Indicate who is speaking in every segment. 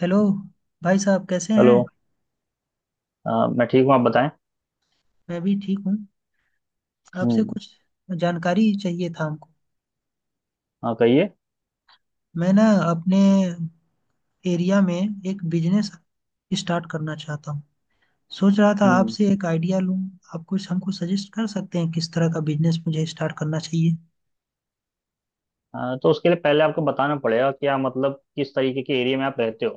Speaker 1: Hello. भाई साहब कैसे हैं?
Speaker 2: हेलो। अ, मैं ठीक हूँ, आप बताएं।
Speaker 1: मैं भी ठीक हूँ। आपसे
Speaker 2: हम्म।
Speaker 1: कुछ जानकारी चाहिए था हमको।
Speaker 2: हाँ, कहिए।
Speaker 1: मैं ना अपने एरिया में एक बिजनेस स्टार्ट करना चाहता हूँ। सोच रहा था
Speaker 2: हम्म।
Speaker 1: आपसे एक आइडिया लूँ। आप कुछ हमको सजेस्ट कर सकते हैं किस तरह का बिजनेस मुझे स्टार्ट करना चाहिए?
Speaker 2: तो उसके लिए पहले आपको बताना पड़ेगा कि आप मतलब किस तरीके के एरिया में आप रहते हो,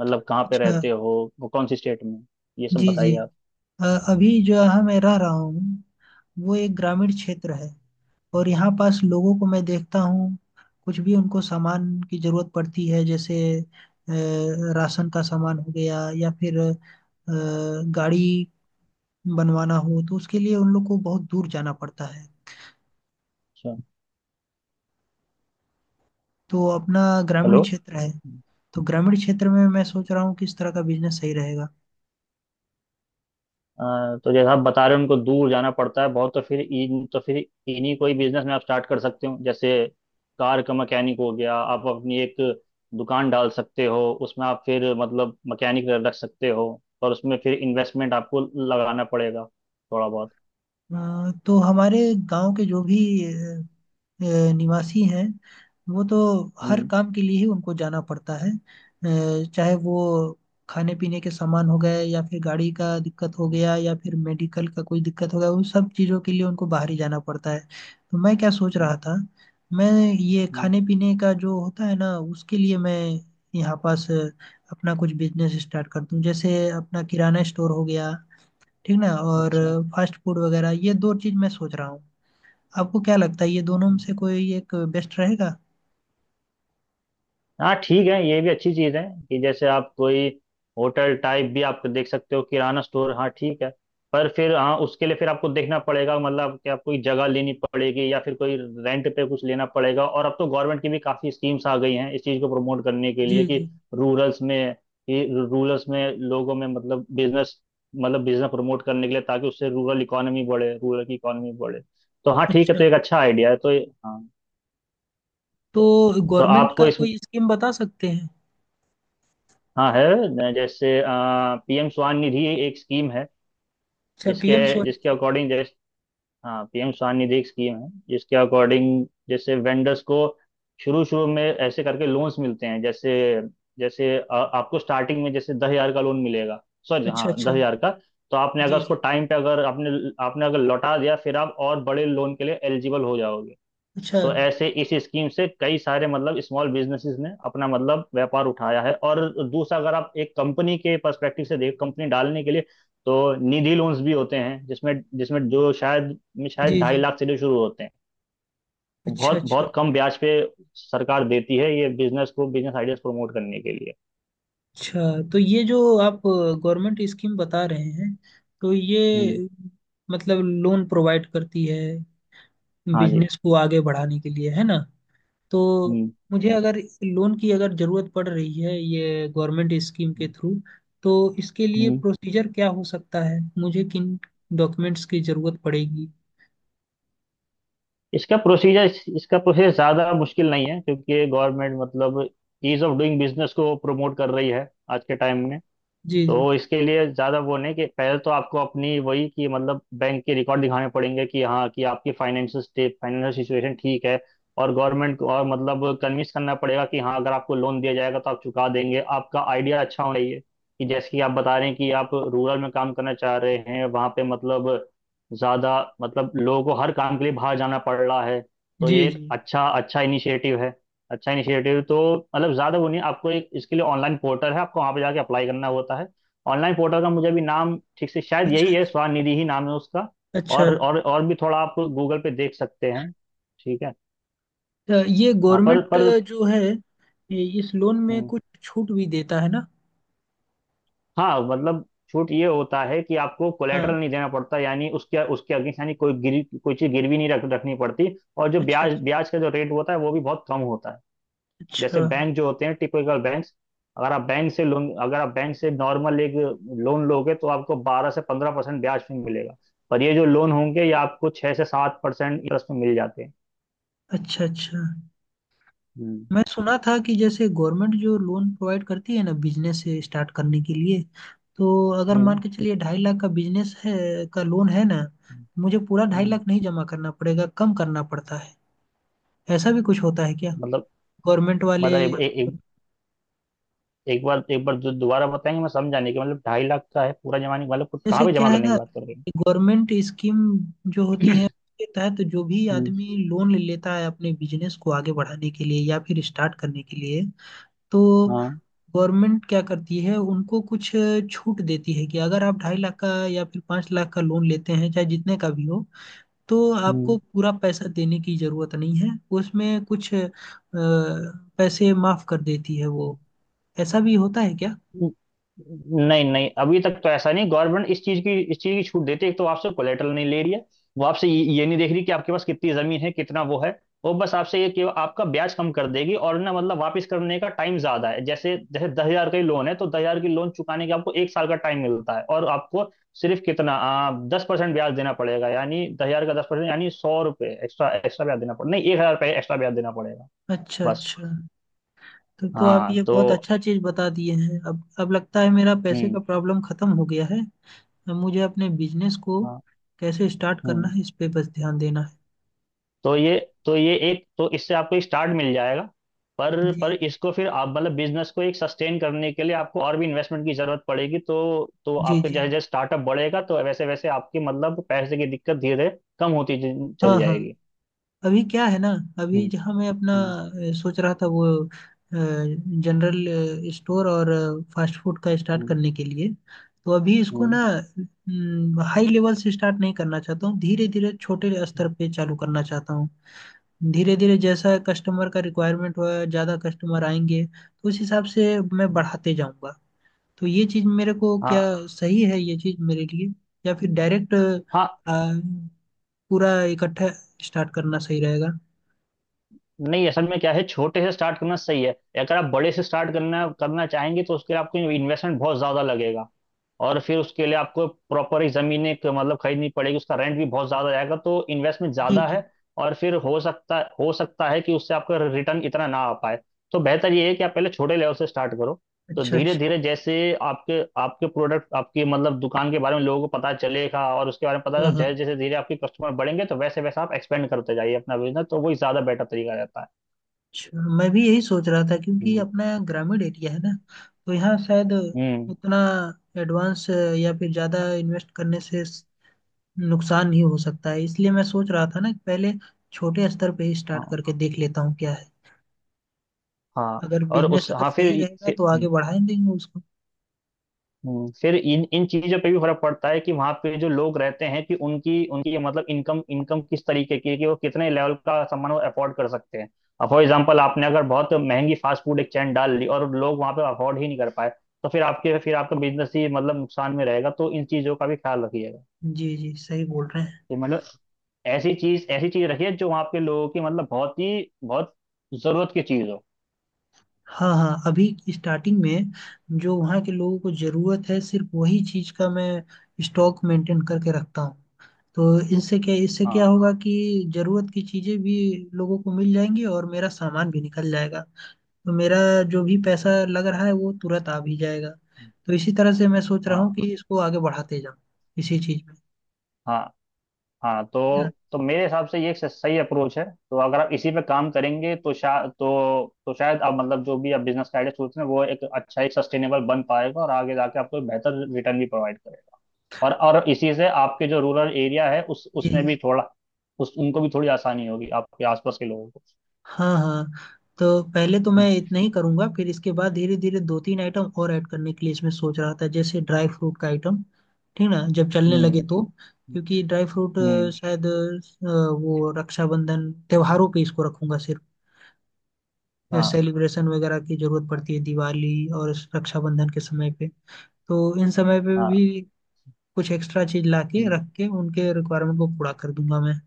Speaker 2: मतलब कहाँ पे
Speaker 1: अच्छा।
Speaker 2: रहते हो, वो कौन सी स्टेट में, ये सब
Speaker 1: जी जी।
Speaker 2: बताइए आप।
Speaker 1: अ, अभी जो यहाँ मैं रह रहा हूँ वो एक ग्रामीण क्षेत्र है। और यहाँ पास लोगों को मैं देखता हूँ, कुछ भी उनको सामान की जरूरत पड़ती है, जैसे राशन का सामान हो गया या फिर गाड़ी बनवाना हो तो उसके लिए उन लोग को बहुत दूर जाना पड़ता है।
Speaker 2: अच्छा।
Speaker 1: तो अपना ग्रामीण
Speaker 2: हेलो।
Speaker 1: क्षेत्र है। तो ग्रामीण क्षेत्र में मैं सोच रहा हूँ किस तरह का बिजनेस सही रहेगा?
Speaker 2: तो जैसे आप बता रहे हो उनको दूर जाना पड़ता है बहुत, तो फिर इन्हीं कोई बिजनेस में आप स्टार्ट कर सकते हो, जैसे कार का मैकेनिक हो गया। आप अपनी एक दुकान डाल सकते हो, उसमें आप फिर मतलब मैकेनिक रख सकते हो। और उसमें फिर इन्वेस्टमेंट आपको लगाना पड़ेगा थोड़ा बहुत।
Speaker 1: तो हमारे गांव के जो भी अ, निवासी हैं वो तो हर
Speaker 2: हम्म।
Speaker 1: काम के लिए ही उनको जाना पड़ता है, चाहे वो खाने पीने के सामान हो गए या फिर गाड़ी का दिक्कत हो
Speaker 2: हम्म।
Speaker 1: गया या फिर मेडिकल का कोई दिक्कत हो गया, उन सब चीज़ों के लिए उनको बाहर ही जाना पड़ता है। तो मैं क्या सोच रहा
Speaker 2: हम्म।
Speaker 1: था, मैं ये
Speaker 2: हम्म।
Speaker 1: खाने पीने का जो होता है ना उसके लिए मैं यहाँ पास अपना कुछ बिजनेस स्टार्ट कर दूं, जैसे अपना किराना स्टोर हो गया, ठीक ना, और
Speaker 2: अच्छा।
Speaker 1: फास्ट फूड वगैरह, ये दो चीज मैं सोच रहा हूँ। आपको क्या लगता है ये दोनों में
Speaker 2: हम्म।
Speaker 1: से कोई एक बेस्ट रहेगा?
Speaker 2: हाँ, ठीक है, ये भी अच्छी चीज़ है कि जैसे आप कोई होटल टाइप भी आप देख सकते हो, किराना स्टोर, हाँ ठीक है। पर फिर हाँ उसके लिए फिर आपको देखना पड़ेगा, मतलब कि आप कोई जगह लेनी पड़ेगी या फिर कोई रेंट पे कुछ लेना पड़ेगा। और अब तो गवर्नमेंट की भी काफ़ी स्कीम्स आ गई हैं इस चीज़ को प्रमोट करने के लिए
Speaker 1: जी
Speaker 2: कि
Speaker 1: जी।
Speaker 2: रूरल्स में कि रूरल्स में लोगों में मतलब बिजनेस प्रमोट करने के लिए, ताकि उससे रूरल की इकोनॉमी बढ़े। तो हाँ ठीक है,
Speaker 1: अच्छा,
Speaker 2: तो एक अच्छा आइडिया है, तो हाँ।
Speaker 1: तो
Speaker 2: तो, तो,
Speaker 1: गवर्नमेंट का
Speaker 2: आपको इस,
Speaker 1: कोई स्कीम बता सकते हैं?
Speaker 2: हाँ है न, जैसे पीएम स्वान निधि एक स्कीम है,
Speaker 1: अच्छा,
Speaker 2: जिसके
Speaker 1: पीएम
Speaker 2: जिसके
Speaker 1: स्वनिधि।
Speaker 2: अकॉर्डिंग जैसे, हाँ पीएम स्वान निधि एक स्कीम है जिसके अकॉर्डिंग जैसे वेंडर्स को शुरू शुरू में ऐसे करके लोन्स मिलते हैं, जैसे जैसे आपको स्टार्टिंग में जैसे 10,000 का लोन मिलेगा। सॉरी
Speaker 1: अच्छा
Speaker 2: हाँ,
Speaker 1: अच्छा।
Speaker 2: 10,000 का। तो आपने अगर
Speaker 1: जी
Speaker 2: उसको
Speaker 1: जी।
Speaker 2: टाइम पे अगर आपने आपने अगर लौटा दिया, फिर आप और बड़े लोन के लिए एलिजिबल हो जाओगे।
Speaker 1: अच्छा।
Speaker 2: तो ऐसे इस स्कीम से कई सारे मतलब स्मॉल बिजनेसेस ने अपना मतलब व्यापार उठाया है। और दूसरा, अगर आप एक कंपनी के पर्सपेक्टिव से देख, कंपनी डालने के लिए, तो निधि लोन्स भी होते हैं, जिसमें जिसमें जो शायद शायद
Speaker 1: जी
Speaker 2: ढाई
Speaker 1: जी।
Speaker 2: लाख से जो शुरू होते हैं, वो
Speaker 1: अच्छा
Speaker 2: बहुत
Speaker 1: अच्छा।
Speaker 2: बहुत कम ब्याज पे सरकार देती है, ये बिजनेस को बिजनेस आइडियाज प्रमोट करने के लिए।
Speaker 1: अच्छा, तो ये जो आप गवर्नमेंट स्कीम बता रहे हैं तो
Speaker 2: हम्म।
Speaker 1: ये मतलब लोन प्रोवाइड करती है
Speaker 2: हाँ जी।
Speaker 1: बिजनेस को आगे बढ़ाने के लिए, है ना? तो
Speaker 2: हम्म।
Speaker 1: मुझे अगर लोन की अगर जरूरत पड़ रही है ये गवर्नमेंट स्कीम के
Speaker 2: हम्म।
Speaker 1: थ्रू, तो इसके लिए
Speaker 2: हम्म।
Speaker 1: प्रोसीजर क्या हो सकता है, मुझे किन डॉक्यूमेंट्स की जरूरत पड़ेगी?
Speaker 2: इसका प्रोसीजर इसका प्रोसेस ज़्यादा मुश्किल नहीं है, क्योंकि गवर्नमेंट मतलब ईज ऑफ डूइंग बिजनेस को प्रमोट कर रही है आज के टाइम में।
Speaker 1: जी जी।
Speaker 2: तो इसके लिए ज़्यादा वो नहीं, कि पहले तो आपको अपनी वही कि मतलब बैंक के रिकॉर्ड दिखाने पड़ेंगे कि हाँ कि आपकी फाइनेंशियल सिचुएशन ठीक है। और गवर्नमेंट को और मतलब कन्विंस करना पड़ेगा कि हाँ अगर आपको लोन दिया जाएगा तो आप चुका देंगे, आपका आइडिया अच्छा होना चाहिए। कि जैसे कि आप बता रहे हैं कि आप रूरल में काम करना चाह रहे हैं, वहाँ पे मतलब ज़्यादा मतलब लोगों को हर काम के लिए बाहर जाना पड़ रहा है, तो
Speaker 1: जी
Speaker 2: ये एक
Speaker 1: जी।
Speaker 2: अच्छा अच्छा इनिशिएटिव है। अच्छा इनिशिएटिव, तो मतलब ज़्यादा वो नहीं, आपको एक इसके लिए ऑनलाइन पोर्टल है, आपको वहाँ पे जाके अप्लाई करना होता है। ऑनलाइन पोर्टल का मुझे अभी नाम ठीक से, शायद
Speaker 1: अच्छा।
Speaker 2: यही है,
Speaker 1: जी।
Speaker 2: स्वनिधि ही नाम है उसका।
Speaker 1: अच्छा।
Speaker 2: और भी थोड़ा आप गूगल पे देख सकते हैं, ठीक है।
Speaker 1: ये
Speaker 2: हाँ पर
Speaker 1: गवर्नमेंट
Speaker 2: पर
Speaker 1: जो है इस लोन में
Speaker 2: हम्म।
Speaker 1: कुछ छूट भी देता है ना?
Speaker 2: हाँ मतलब छूट ये होता है कि आपको कोलेटरल
Speaker 1: हाँ।
Speaker 2: नहीं देना पड़ता, यानी उसके उसके अगेंस्ट, यानी कोई गिरी कोई चीज़ गिरवी नहीं रख रखनी पड़ती। और जो
Speaker 1: अच्छा
Speaker 2: ब्याज
Speaker 1: अच्छा।
Speaker 2: ब्याज का जो रेट होता है वो भी बहुत कम होता है।
Speaker 1: अच्छा
Speaker 2: जैसे बैंक जो होते हैं टिपिकल बैंक्स, अगर आप बैंक से लोन अगर आप बैंक से नॉर्मल एक लोन लोगे, तो आपको 12 से 15% ब्याज पे मिलेगा। पर ये जो लोन होंगे ये आपको 6 से 7% इंटरेस्ट में मिल जाते हैं।
Speaker 1: अच्छा। अच्छा।
Speaker 2: हम्म।
Speaker 1: मैं सुना था कि जैसे गवर्नमेंट जो लोन प्रोवाइड करती है ना बिजनेस स्टार्ट करने के लिए, तो अगर मान
Speaker 2: हम्म।
Speaker 1: के चलिए 2.5 लाख का बिजनेस है, का लोन है ना, मुझे पूरा ढाई
Speaker 2: हम्म।
Speaker 1: लाख नहीं जमा करना पड़ेगा, कम करना पड़ता है? ऐसा भी कुछ होता है क्या
Speaker 2: मतलब
Speaker 1: गवर्नमेंट वाले?
Speaker 2: मतलब ए, ए, एक एक बार दो- दोबारा बताएंगे, मैं समझा नहीं कि मतलब 2.5 लाख का है, पूरा जमा नहीं मतलब कुछ कहाँ
Speaker 1: जैसे
Speaker 2: पे
Speaker 1: क्या
Speaker 2: जमा
Speaker 1: है
Speaker 2: करने की
Speaker 1: ना,
Speaker 2: बात कर रहे हैं।
Speaker 1: गवर्नमेंट स्कीम जो होती है उसके तहत जो भी
Speaker 2: हम्म।
Speaker 1: आदमी लोन ले लेता है अपने बिजनेस को आगे बढ़ाने के लिए या फिर स्टार्ट करने के लिए, तो
Speaker 2: हाँ।
Speaker 1: गवर्नमेंट क्या करती है उनको कुछ छूट देती है कि अगर आप 2.5 लाख का या फिर 5 लाख का लोन लेते हैं, चाहे जितने का भी हो, तो आपको
Speaker 2: हम्म।
Speaker 1: पूरा पैसा देने की जरूरत नहीं है, उसमें कुछ पैसे माफ कर देती है वो। ऐसा भी होता है क्या?
Speaker 2: न- नहीं, नहीं, अभी तक तो ऐसा नहीं। गवर्नमेंट इस चीज की छूट देती है, एक तो आपसे कोलेटरल नहीं ले रही है। वो आपसे ये नहीं देख रही कि आपके पास कितनी जमीन है, कितना वो है। वो बस आपसे ये कि आपका ब्याज कम कर देगी, और ना मतलब वापस करने का टाइम ज्यादा है। जैसे जैसे 10,000 का ही लोन है तो 10,000 की लोन चुकाने के आपको एक साल का टाइम मिलता है, और आपको सिर्फ कितना, 10% ब्याज देना पड़ेगा, यानी 10,000 का 10% यानी 100 रुपये एक्स्ट्रा एक्स्ट्रा ब्याज देना पड़ेगा, नहीं 1,000 रुपये एक्स्ट्रा ब्याज देना पड़ेगा।
Speaker 1: अच्छा
Speaker 2: बस।
Speaker 1: अच्छा। तो आप
Speaker 2: हाँ
Speaker 1: ये बहुत
Speaker 2: तो।
Speaker 1: अच्छा चीज बता दिए हैं। अब लगता है मेरा पैसे
Speaker 2: हम्म।
Speaker 1: का प्रॉब्लम खत्म हो गया है। अब मुझे अपने बिजनेस को
Speaker 2: हाँ।
Speaker 1: कैसे स्टार्ट करना
Speaker 2: हम्म।
Speaker 1: है, इस पे बस ध्यान देना है।
Speaker 2: तो ये तो ये एक तो इससे आपको स्टार्ट मिल जाएगा। पर
Speaker 1: जी।
Speaker 2: इसको फिर आप मतलब बिजनेस को एक सस्टेन करने के लिए आपको और भी इन्वेस्टमेंट की जरूरत पड़ेगी तो। तो
Speaker 1: जी
Speaker 2: आपके
Speaker 1: जी।
Speaker 2: जैसे जैसे स्टार्टअप बढ़ेगा तो वैसे वैसे आपकी मतलब पैसे की दिक्कत धीरे धीरे कम होती
Speaker 1: हाँ
Speaker 2: चली
Speaker 1: हाँ।
Speaker 2: जाएगी।
Speaker 1: अभी क्या है ना, अभी
Speaker 2: हम्म।
Speaker 1: जहाँ मैं अपना
Speaker 2: हम्म।
Speaker 1: सोच रहा था, वो जनरल स्टोर और फास्ट फूड का स्टार्ट
Speaker 2: हम्म।
Speaker 1: करने के लिए। तो अभी इसको
Speaker 2: हम्म।
Speaker 1: ना हाई लेवल से स्टार्ट नहीं करना चाहता हूँ, धीरे धीरे छोटे स्तर
Speaker 2: हम्म।
Speaker 1: पे चालू करना चाहता हूँ। धीरे धीरे जैसा कस्टमर का रिक्वायरमेंट हुआ, ज़्यादा कस्टमर आएंगे तो उस हिसाब से मैं
Speaker 2: हम्म।
Speaker 1: बढ़ाते जाऊँगा। तो ये चीज़ मेरे को क्या,
Speaker 2: हाँ।
Speaker 1: सही है ये चीज़ मेरे लिए, या फिर डायरेक्ट
Speaker 2: हाँ।
Speaker 1: पूरा इकट्ठा स्टार्ट करना सही रहेगा?
Speaker 2: नहीं असल में क्या है, छोटे से स्टार्ट करना सही है। अगर आप बड़े से स्टार्ट करना करना चाहेंगे तो उसके लिए आपको इन्वेस्टमेंट बहुत ज्यादा लगेगा। और फिर उसके लिए आपको प्रॉपर ही ज़मीन एक मतलब खरीदनी पड़ेगी, उसका रेंट भी बहुत ज़्यादा जाएगा, तो इन्वेस्टमेंट ज़्यादा
Speaker 1: जी।
Speaker 2: है। और फिर हो सकता है कि उससे आपका रिटर्न इतना ना आ पाए। तो बेहतर ये है कि आप पहले छोटे लेवल से स्टार्ट करो। तो
Speaker 1: अच्छा
Speaker 2: धीरे
Speaker 1: अच्छा।
Speaker 2: धीरे जैसे आपके आपके प्रोडक्ट आपकी मतलब दुकान के बारे में लोगों को पता चलेगा, और उसके बारे में पता
Speaker 1: हाँ
Speaker 2: चले
Speaker 1: हाँ।
Speaker 2: जैसे जैसे धीरे आपके कस्टमर बढ़ेंगे तो वैसे वैसे आप एक्सपेंड करते जाइए अपना बिजनेस, तो वही ज़्यादा बेटर तरीका रहता है।
Speaker 1: अच्छा, मैं भी यही सोच रहा था, क्योंकि
Speaker 2: हम्म।
Speaker 1: अपना ग्रामीण एरिया है ना। तो यहाँ शायद
Speaker 2: हम्म।
Speaker 1: उतना एडवांस या फिर ज़्यादा इन्वेस्ट करने से नुकसान नहीं हो सकता है, इसलिए मैं सोच रहा था ना कि पहले छोटे स्तर पे ही स्टार्ट
Speaker 2: हाँ।
Speaker 1: करके देख लेता हूँ क्या है।
Speaker 2: हाँ
Speaker 1: अगर
Speaker 2: और
Speaker 1: बिजनेस
Speaker 2: उस
Speaker 1: अगर
Speaker 2: हाँ
Speaker 1: सही
Speaker 2: फिर
Speaker 1: रहेगा
Speaker 2: फिर
Speaker 1: तो आगे बढ़ा ही देंगे उसको।
Speaker 2: हम्म। फिर इन इन चीजों पे भी फर्क पड़ता है कि वहां पे जो लोग रहते हैं कि उनकी उनकी मतलब इनकम इनकम किस तरीके की है, कि वो कितने लेवल का सामान वो अफोर्ड कर सकते हैं। अब फॉर एग्जांपल आपने अगर बहुत महंगी फास्ट फूड एक चैन डाल ली और लोग वहां पे अफोर्ड ही नहीं कर पाए, तो फिर आपका बिजनेस ही मतलब नुकसान में रहेगा, तो इन चीजों का भी ख्याल रखिएगा,
Speaker 1: जी जी सही बोल रहे हैं।
Speaker 2: कि मतलब ऐसी चीज रखिए जो वहाँ पे लोगों की मतलब बहुत जरूरत की चीज हो।
Speaker 1: हाँ हाँ। अभी स्टार्टिंग में जो वहाँ के लोगों को ज़रूरत है सिर्फ वही चीज़ का मैं स्टॉक मेंटेन करके रखता हूँ। तो इनसे क्या इससे क्या
Speaker 2: हाँ।
Speaker 1: होगा कि जरूरत की चीजें भी लोगों को मिल जाएंगी और मेरा सामान भी निकल जाएगा। तो मेरा जो भी पैसा लग रहा है वो तुरंत आ भी जाएगा।
Speaker 2: हम्म।
Speaker 1: तो इसी तरह से मैं सोच रहा हूँ
Speaker 2: हाँ।
Speaker 1: कि इसको आगे बढ़ाते जाऊँ इसी चीज में,
Speaker 2: हाँ। हाँ,
Speaker 1: है ना?
Speaker 2: तो मेरे हिसाब से ये एक सही अप्रोच है। तो अगर आप इसी पे काम करेंगे तो शायद आप मतलब जो भी आप बिजनेस का आइडिया सोच रहे हैं वो एक अच्छा एक सस्टेनेबल बन पाएगा, और आगे जाके आपको एक बेहतर रिटर्न भी प्रोवाइड करेगा। और और इसी से आपके जो रूरल एरिया है उस उसमें
Speaker 1: जी।
Speaker 2: भी थोड़ा उस उनको भी थोड़ी आसानी होगी आपके आसपास के लोगों को।
Speaker 1: हाँ हाँ। तो पहले तो मैं
Speaker 2: हम्म।
Speaker 1: इतना ही करूंगा, फिर इसके बाद धीरे धीरे दो तीन आइटम और ऐड करने के लिए इसमें सोच रहा था, जैसे ड्राई फ्रूट का आइटम। ठीक ना, जब चलने लगे
Speaker 2: हम्म।
Speaker 1: तो। क्योंकि ड्राई फ्रूट
Speaker 2: हम्म। हम्म।
Speaker 1: शायद वो रक्षाबंधन त्योहारों पे इसको रखूंगा सिर्फ,
Speaker 2: हाँ।
Speaker 1: सेलिब्रेशन वगैरह की जरूरत पड़ती है दिवाली और रक्षाबंधन के समय पे, तो इन समय पे
Speaker 2: हाँ।
Speaker 1: भी कुछ एक्स्ट्रा चीज ला के
Speaker 2: हम्म।
Speaker 1: रख के उनके रिक्वायरमेंट को पूरा कर दूंगा मैं।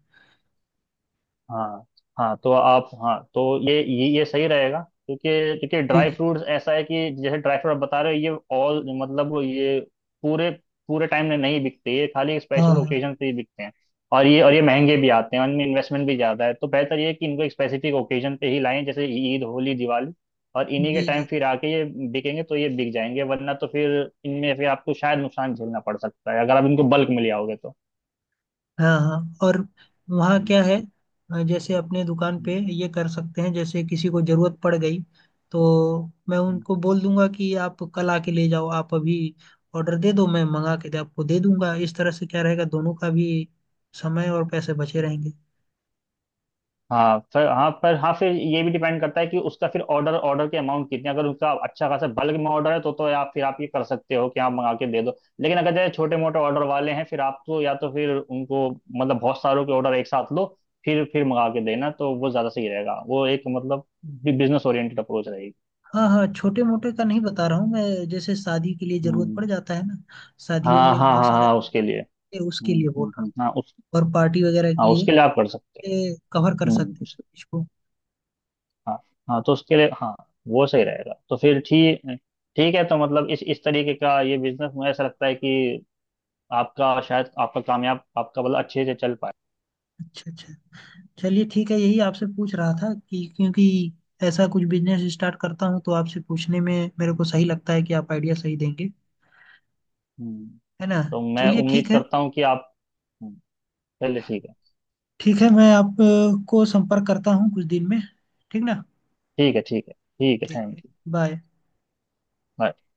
Speaker 2: हाँ। हाँ तो आप हाँ तो ये सही रहेगा। क्योंकि क्योंकि
Speaker 1: जी
Speaker 2: ड्राई
Speaker 1: जी।
Speaker 2: फ्रूट्स ऐसा है कि जैसे ड्राई फ्रूट आप बता रहे हो, ये ऑल मतलब वो ये पूरे पूरे टाइम में नहीं बिकते, ये खाली
Speaker 1: हाँ
Speaker 2: स्पेशल
Speaker 1: हाँ।
Speaker 2: ओकेजन पे ही बिकते हैं। और ये महंगे भी आते हैं और इनमें इन्वेस्टमेंट भी ज़्यादा है, तो बेहतर ये है कि इनको एक स्पेसिफिक ओकेजन पे ही लाएं, जैसे ईद, होली, दिवाली। और इन्हीं के
Speaker 1: जी
Speaker 2: टाइम
Speaker 1: जी।
Speaker 2: फिर आके ये बिकेंगे तो ये बिक जाएंगे, वरना तो फिर इनमें फिर आपको शायद नुकसान झेलना पड़ सकता है अगर आप इनको बल्क में ले आओगे तो।
Speaker 1: हाँ हाँ। और वहाँ
Speaker 2: हम्म।
Speaker 1: क्या है, जैसे अपने दुकान पे
Speaker 2: हम्म।
Speaker 1: ये कर सकते हैं, जैसे किसी को जरूरत पड़ गई तो मैं
Speaker 2: हम्म।
Speaker 1: उनको बोल दूंगा कि आप कल आके ले जाओ, आप अभी ऑर्डर दे दो, मैं मंगा के दे आपको दे दूंगा, इस तरह से क्या रहेगा दोनों का भी समय और पैसे बचे
Speaker 2: हम्म।
Speaker 1: रहेंगे।
Speaker 2: हाँ फिर हाँ पर हाँ फिर ये भी डिपेंड करता है कि उसका फिर ऑर्डर ऑर्डर के अमाउंट कितने, अगर उसका अच्छा खासा बल्क में ऑर्डर है, तो आप ये कर सकते हो कि आप मंगा के दे दो। लेकिन अगर जैसे छोटे मोटे ऑर्डर वाले हैं फिर आप तो या तो फिर उनको मतलब बहुत सारों के ऑर्डर एक साथ लो। फिर मंगा के देना तो वो ज़्यादा सही रहेगा, वो एक मतलब बिजनेस ओरिएंटेड अप्रोच रहेगी।
Speaker 1: हाँ हाँ। छोटे मोटे का नहीं बता रहा हूँ मैं, जैसे शादी के लिए जरूरत पड़
Speaker 2: हम्म।
Speaker 1: जाता है ना, शादियों
Speaker 2: हाँ।
Speaker 1: में
Speaker 2: हाँ।
Speaker 1: बहुत
Speaker 2: हाँ।
Speaker 1: सारे
Speaker 2: हाँ
Speaker 1: सामान
Speaker 2: उसके लिए।
Speaker 1: होते हैं, उसके
Speaker 2: हम्म।
Speaker 1: लिए बोल
Speaker 2: हम्म।
Speaker 1: रहा हूँ,
Speaker 2: हम्म। हाँ उस।
Speaker 1: और पार्टी वगैरह के
Speaker 2: हाँ
Speaker 1: लिए
Speaker 2: उसके लिए आप कर सकते
Speaker 1: कवर कर
Speaker 2: हो।
Speaker 1: सकते
Speaker 2: हम्म।
Speaker 1: हैं इसको।
Speaker 2: हाँ। हाँ तो उसके लिए हाँ वो सही रहेगा, तो फिर ठीक, ठीक है। तो मतलब इस तरीके का ये बिजनेस मुझे ऐसा लगता है कि आपका शायद आपका कामयाब आपका मतलब अच्छे से चल पाए।
Speaker 1: अच्छा अच्छा। चलिए ठीक है, यही
Speaker 2: हम्म।
Speaker 1: आपसे पूछ रहा था, कि क्योंकि ऐसा कुछ बिजनेस स्टार्ट करता हूँ तो आपसे पूछने में मेरे को सही लगता है कि आप आइडिया सही देंगे,
Speaker 2: हम्म।
Speaker 1: है ना?
Speaker 2: तो मैं
Speaker 1: चलिए
Speaker 2: उम्मीद
Speaker 1: ठीक है।
Speaker 2: करता हूँ कि आप। हम्म। चलिए ठीक है।
Speaker 1: ठीक है, मैं आपको संपर्क करता हूँ कुछ दिन में, ठीक ना?
Speaker 2: ठीक है। ठीक है। ठीक है।
Speaker 1: ठीक
Speaker 2: थैंक
Speaker 1: है। बाय।
Speaker 2: यू।